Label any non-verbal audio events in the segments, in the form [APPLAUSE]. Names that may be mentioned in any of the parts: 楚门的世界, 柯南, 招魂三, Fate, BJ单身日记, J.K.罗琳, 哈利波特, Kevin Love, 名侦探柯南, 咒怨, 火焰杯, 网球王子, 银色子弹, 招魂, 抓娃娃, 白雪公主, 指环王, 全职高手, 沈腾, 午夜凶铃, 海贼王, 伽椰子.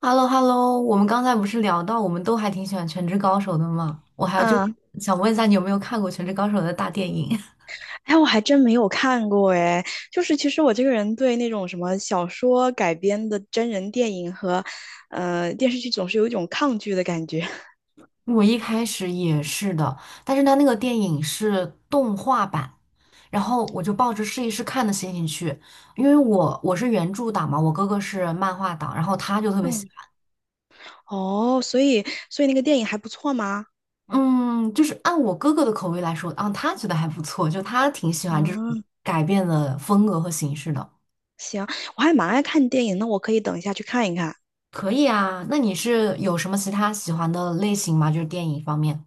h e l l o h e l l o 我们刚才不是聊到我们都还挺喜欢《全职高手》的嘛？我还就嗯，想问一下，你有没有看过《全职高手》的大电影？哎，我还真没有看过哎。就是其实我这个人对那种什么小说改编的真人电影和电视剧总是有一种抗拒的感觉。[LAUGHS] [LAUGHS] 我一开始也是的，但是它那个电影是动画版，然后我就抱着试一试看的心情去，因为我是原著党嘛，我哥哥是漫画党，然后他就特别喜嗯，哦，所以那个电影还不错吗？欢，嗯，就是按我哥哥的口味来说，啊，他觉得还不错，就他挺喜欢这种嗯，改变的风格和形式的。行，我还蛮爱看电影，那我可以等一下去看一看。可以啊，那你是有什么其他喜欢的类型吗？就是电影方面。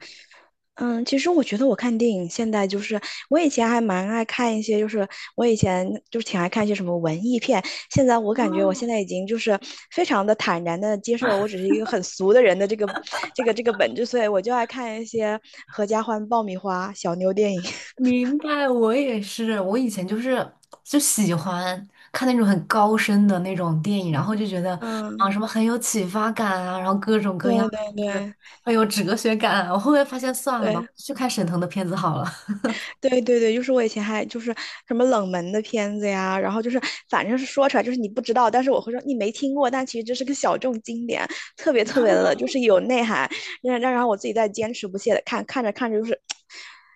嗯，其实我觉得我看电影现在就是我以前还蛮爱看一些，就是我以前就是挺爱看一些什么文艺片。现在我感觉我现在已经就是非常的坦然的接受，我只是一个很俗的人的这个本质，所以我就爱看一些合家欢、爆米花、小妞电影。[LAUGHS] 明白，我也是。我以前就喜欢看那种很高深的那种电影，然后就觉得啊，嗯，什么很有启发感啊，然后各种各样，对对就是对很有哲学感啊，我后面发现算了吧，对。去看沈腾的片子好了。[LAUGHS] 对对对，就是我以前还就是什么冷门的片子呀，然后就是反正是说出来就是你不知道，但是我会说你没听过，但其实这是个小众经典，特别特别的，就是有内涵，然后我自己在坚持不懈的看，看着看着就是。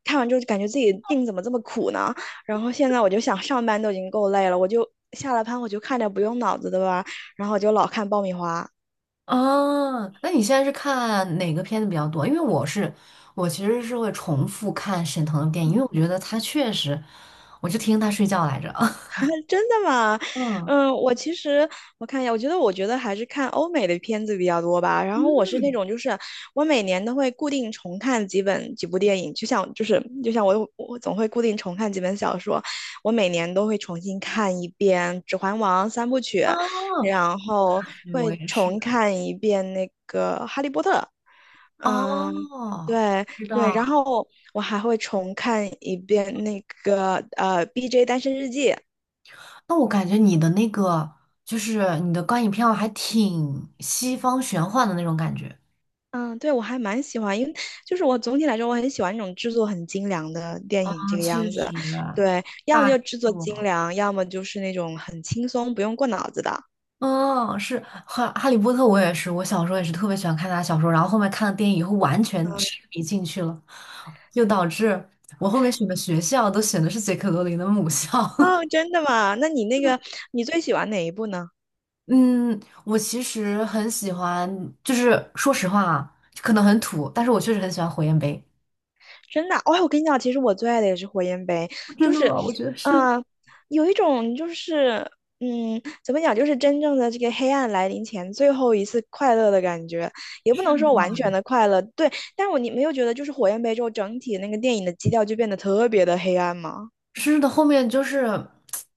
看完之后就感觉自己命怎么这么苦呢？然后现在我就想上班都已经够累了，我就下了班我就看点不用脑子的吧，然后我就老看爆米花。啊，那你现在是看哪个片子比较多？因为我是，我其实是会重复看沈腾的电影，因为我觉得他确实，我就听他睡觉来着。[LAUGHS] 真的吗？[LAUGHS] 嗯。嗯，我其实我看一下，我觉得还是看欧美的片子比较多吧。然后我是那种就是我每年都会固定重看几部电影，就像我总会固定重看几本小说，我每年都会重新看一遍《指环王》三部曲，哦，然后对，我会也是。重看一遍那个《哈利波特》。嗯，哦，对知对，然道。后我还会重看一遍那个《BJ 单身日记》。那我感觉你的那个，就是你的观影票还挺西方玄幻的那种感觉。嗯，对，我还蛮喜欢，因为就是我总体来说，我很喜欢那种制作很精良的电嗯，影这个确样子。实，对，要么大制就制作精作。良，要么就是那种很轻松，不用过脑子的。嗯，是哈。《哈利波特》，我也是，我小时候也是特别喜欢看他的小说，然后后面看了电影以后，完全嗯痴迷进去了，就导致我后面选的学校都选的是杰克罗琳的母校。[LAUGHS] 哦，真的吗？那你那个，你最喜欢哪一部呢？嗯，我其实很喜欢，就是说实话啊，可能很土，但是我确实很喜欢火焰杯。真的，哦，我跟你讲，其实我最爱的也是火焰杯，真就的是，吗？我觉得是的。嗯，有一种就是，怎么讲，就是真正的这个黑暗来临前最后一次快乐的感觉，也不是能说完的，全的快乐，对，但你没有觉得就是火焰杯之后整体那个电影的基调就变得特别的黑暗吗？是的，后面就是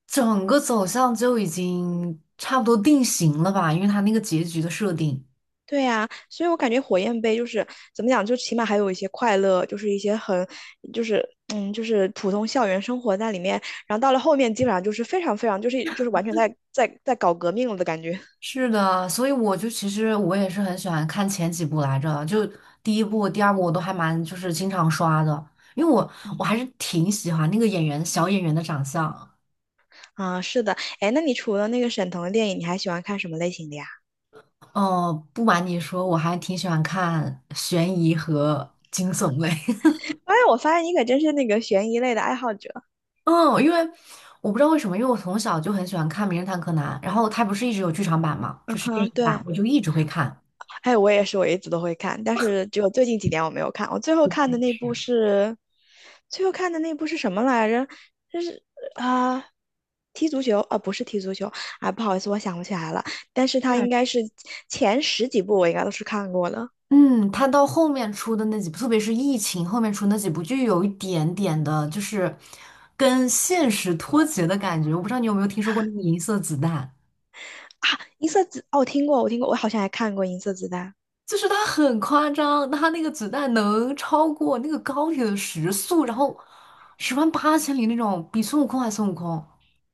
整个走向就已经差不多定型了吧，因为它那个结局的设定。对呀，所以我感觉火焰杯就是怎么讲，就起码还有一些快乐，就是一些很，就是就是普通校园生活在里面。然后到了后面，基本上就是非常非常，就是完全在搞革命了的感觉 [LAUGHS]。是的，所以我就其实我也是很喜欢看前几部来着，就第一部、第二部我都还蛮就是经常刷的，因为我还是挺喜欢那个演员小演员的长相。啊，是的，哎，那你除了那个沈腾的电影，你还喜欢看什么类型的呀？哦，不瞒你说，我还挺喜欢看悬疑和惊悚类。[LAUGHS] 哎，我发现你可真是那个悬疑类的爱好者。嗯，因为我不知道为什么，因为我从小就很喜欢看《名侦探柯南》，然后它不是一直有剧场版嘛，嗯就是电哼，影版，对。我就一直会看。还有我也是，我一直都会看，但是只有最近几年我没有看。我最后看的那部是，最后看的那部是什么来着？就是啊、踢足球啊、不是踢足球啊，不好意思，我想不起来了。但是它对，应该是前十几部我应该都是看过的。嗯，它到后面出的那几部，特别是疫情后面出那几部，就有一点点的，就是跟现实脱节的感觉。我不知道你有没有听说过那个《银色子弹》。银色子哦，我听过，我听过，我好像还看过《银色子弹》。就是它很夸张，它那个子弹能超过那个高铁的时速，然后十万八千里那种，比孙悟空还孙悟空。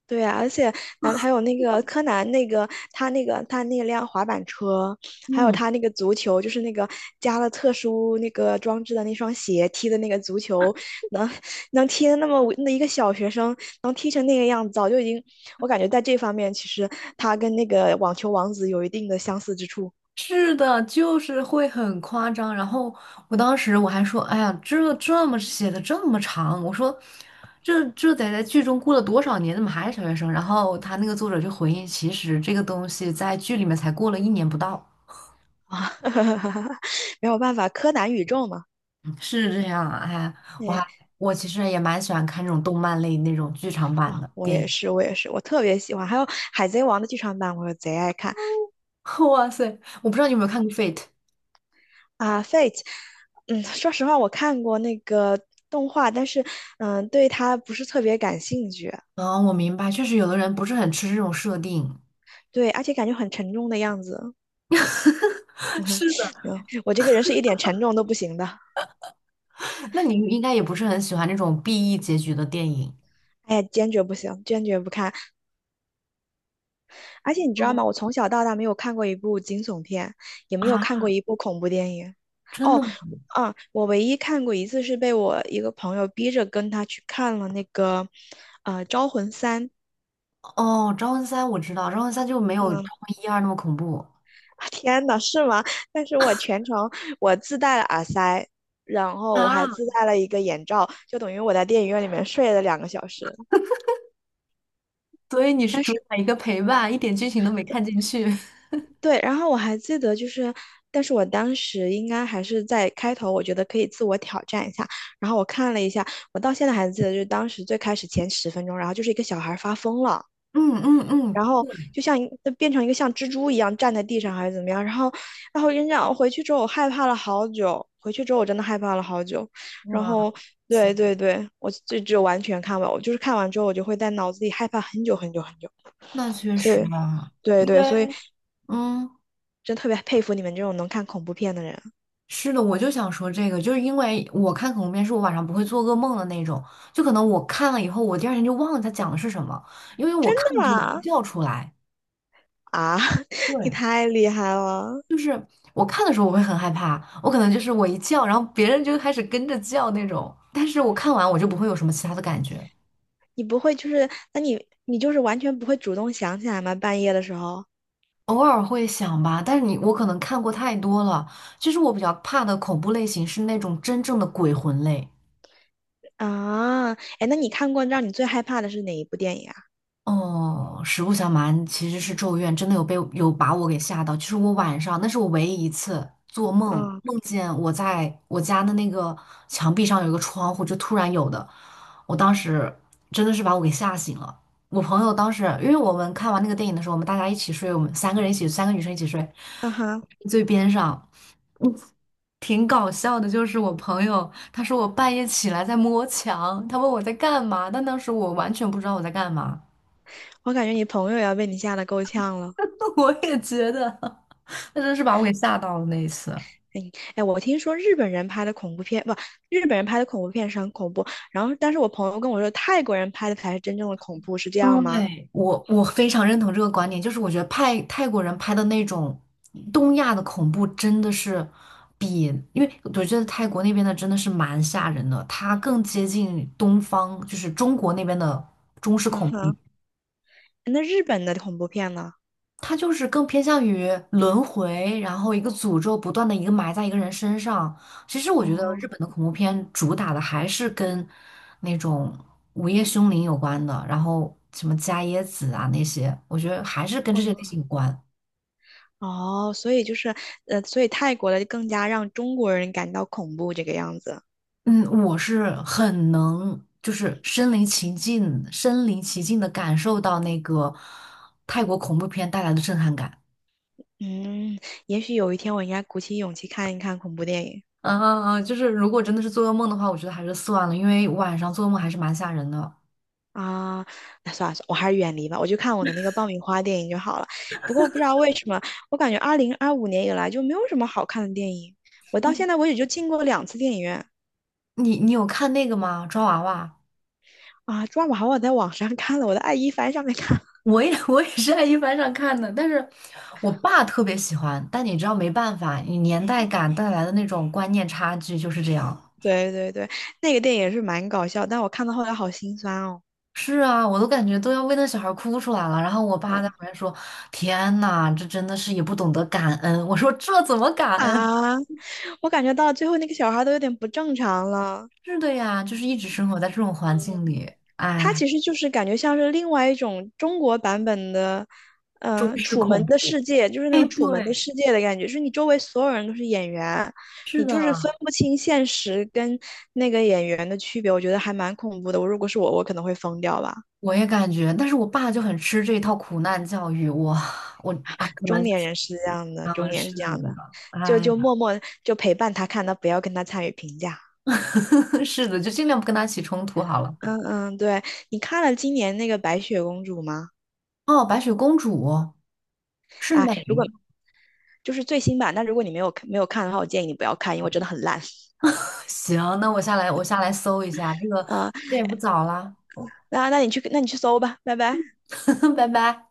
对啊，而且那还有那个柯南，他那辆滑板车，还有嗯，他那个足球，就是那个加了特殊那个装置的那双鞋踢的那个足球，能能踢的那么那一个小学生能踢成那个样子，早就已经，我感觉在这方面其实他跟那个网球王子有一定的相似之处。是的，就是会很夸张。然后我当时我还说，哎呀，这这么写的这么长，我说这这得在剧中过了多少年，怎么还是小学生？然后他那个作者就回应，其实这个东西在剧里面才过了一年不到。啊，[LAUGHS] 没有办法，柯南宇宙嘛，嗯是这样啊，哎，我哎还，我其实也蛮喜欢看这种动漫类那种剧场版啊，的我电也影。是，我也是，我特别喜欢，还有海贼王的剧场版，我贼爱看。[LAUGHS] 哇塞，我不知道你有没有看过《Fate》。啊，Fate，嗯，说实话，我看过那个动画，但是，对它不是特别感兴趣，啊，我明白，确实有的人不是很吃这种设定。对，而且感觉很沉重的样子。[LAUGHS] 是的，对，我这个人是一点沉重都不行的，那你应该也不是很喜欢那种 BE 结局的电影 哎呀，坚决不行，坚决不看。而且你 [LAUGHS] 知道哦，吗？我从小到大没有看过一部惊悚片，也没有看啊？过一部恐怖电影。真的哦，吗？嗯，我唯一看过一次是被我一个朋友逼着跟他去看了那个，《招魂三》。哦，《招魂三》我知道，《招魂三》就没有嗯 《招魂一二》那么恐怖。[LAUGHS] 天呐，是吗？但是我全程我自带了耳塞，然后我还啊，自带了一个眼罩，就等于我在电影院里面睡了2个小时。所以你是但主是 打一个陪伴，一点剧情都没看进 [LAUGHS]，去。[LAUGHS] 对，然后我还记得就是，但是我当时应该还是在开头，我觉得可以自我挑战一下。然后我看了一下，我到现在还记得，就是当时最开始前10分钟，然后就是一个小孩发疯了，嗯嗯嗯，然后就像变成一个像蜘蛛一样站在地上还是怎么样，然后，跟你回去之后我害怕了好久，回去之后我真的害怕了好久，然哇后塞，对对对，我就完全看完，我就是看完之后我就会在脑子里害怕很久很久很久，那确所实以啊，对因对，所以为嗯。真特别佩服你们这种能看恐怖片的人，是的，我就想说这个，就是因为我看恐怖片是我晚上不会做噩梦的那种，就可能我看了以后，我第二天就忘了它讲的是什么，因为我真看的的时候我会吗？叫出来，啊，[LAUGHS] 你对，太厉害了，就是我看的时候我会很害怕，我可能就是我一叫，然后别人就开始跟着叫那种，但是我看完我就不会有什么其他的感觉，你不会就是，那你就是完全不会主动想起来吗？半夜的时候。偶尔会想吧，但是你我可能看过太多了，其实我比较怕的恐怖类型是那种真正的鬼魂类。啊，哎，那你看过让你最害怕的是哪一部电影啊？哦，实不相瞒，其实是《咒怨》真的有被有把我给吓到。就是我晚上，那是我唯一一次做梦，嗯，梦见我在我家的那个墙壁上有一个窗户，就突然有的。我当时真的是把我给吓醒了。我朋友当时，因为我们看完那个电影的时候，我们大家一起睡，我们三个人一起，三个女生一起睡，啊哈，最边上。挺搞笑的，就是我朋友，他说我半夜起来在摸墙，他问我在干嘛，但当时我完全不知道我在干嘛。我感觉你朋友也要被你吓得够呛了。[LAUGHS] 我也觉得，那真是把我给吓到了那一次。哎，哎，我听说日本人拍的恐怖片，不，日本人拍的恐怖片是很恐怖。然后，但是我朋友跟我说，泰国人拍的才是真正的恐怖，是这样吗？对，我非常认同这个观点，就是我觉得派泰国人拍的那种东亚的恐怖真的是比，因为我觉得泰国那边的真的是蛮吓人的，它更接近东方，就是中国那边的中式嗯恐怖。哼，那日本的恐怖片呢？它就是更偏向于轮回，然后一个诅咒不断的一个埋在一个人身上。其实我觉得日哦，本的恐怖片主打的还是跟那种午夜凶铃有关的，然后什么伽椰子啊那些，我觉得还是跟这些类型嗯，有关。哦，所以就是，所以泰国的更加让中国人感到恐怖这个样子。嗯，我是很能就是身临其境的感受到那个泰国恐怖片带来的震撼感。嗯，也许有一天我应该鼓起勇气看一看恐怖电影。嗯嗯嗯，就是如果真的是做噩梦的话，我觉得还是算了，因为晚上做噩梦还是蛮吓人的。啊，那算了算了，我还是远离吧，我就看我的那个爆米花电影就好了。不过我不知道为什么，我感觉2025年以来就没有什么好看的电影，我到现在为止就进过2次电影院你你有看那个吗？抓娃娃，啊，抓马还我在网上看了，我在爱一帆上面看了。[LAUGHS] 我也 [LAUGHS] 我也是在一帆上看的，但是我爸特别喜欢，但你知道没办法，你年代感带来的那种观念差距就是这样。对对对，那个电影是蛮搞笑，但我看到后来好心酸哦。是啊，我都感觉都要为那小孩哭出来了，然后我对爸在旁边说：“天呐，这真的是也不懂得感恩。”我说：“这怎么感恩？”啊，我感觉到最后那个小孩都有点不正常了。是的呀，就是一直生活在这种环境里，它哎，其实就是感觉像是另外一种中国版本的，中式楚门恐的怖。世界，就是那哎，种楚门的对，世界的感觉，就是你周围所有人都是演员，是你就是的。分不清现实跟那个演员的区别，我觉得还蛮恐怖的。我如果是我，我可能会疯掉吧。我也感觉，但是我爸就很吃这一套苦难教育，我哎，[LAUGHS] 可能中就年是人是这样的，中啊，年是是这样的，的，就哎呀，就默默就陪伴他看，他不要跟他参与评价。[LAUGHS] 是的，就尽量不跟他起冲突好了。嗯嗯，对，你看了今年那个《白雪公主》吗？哦，白雪公主是啊美。如果。就是最新版。但如果你没有看的话，我建议你不要看，因为真的很烂。[LAUGHS] 行，那我下来搜一下，这个啊、呃这也不早啦，那你去搜吧，拜拜。[LAUGHS] 拜拜。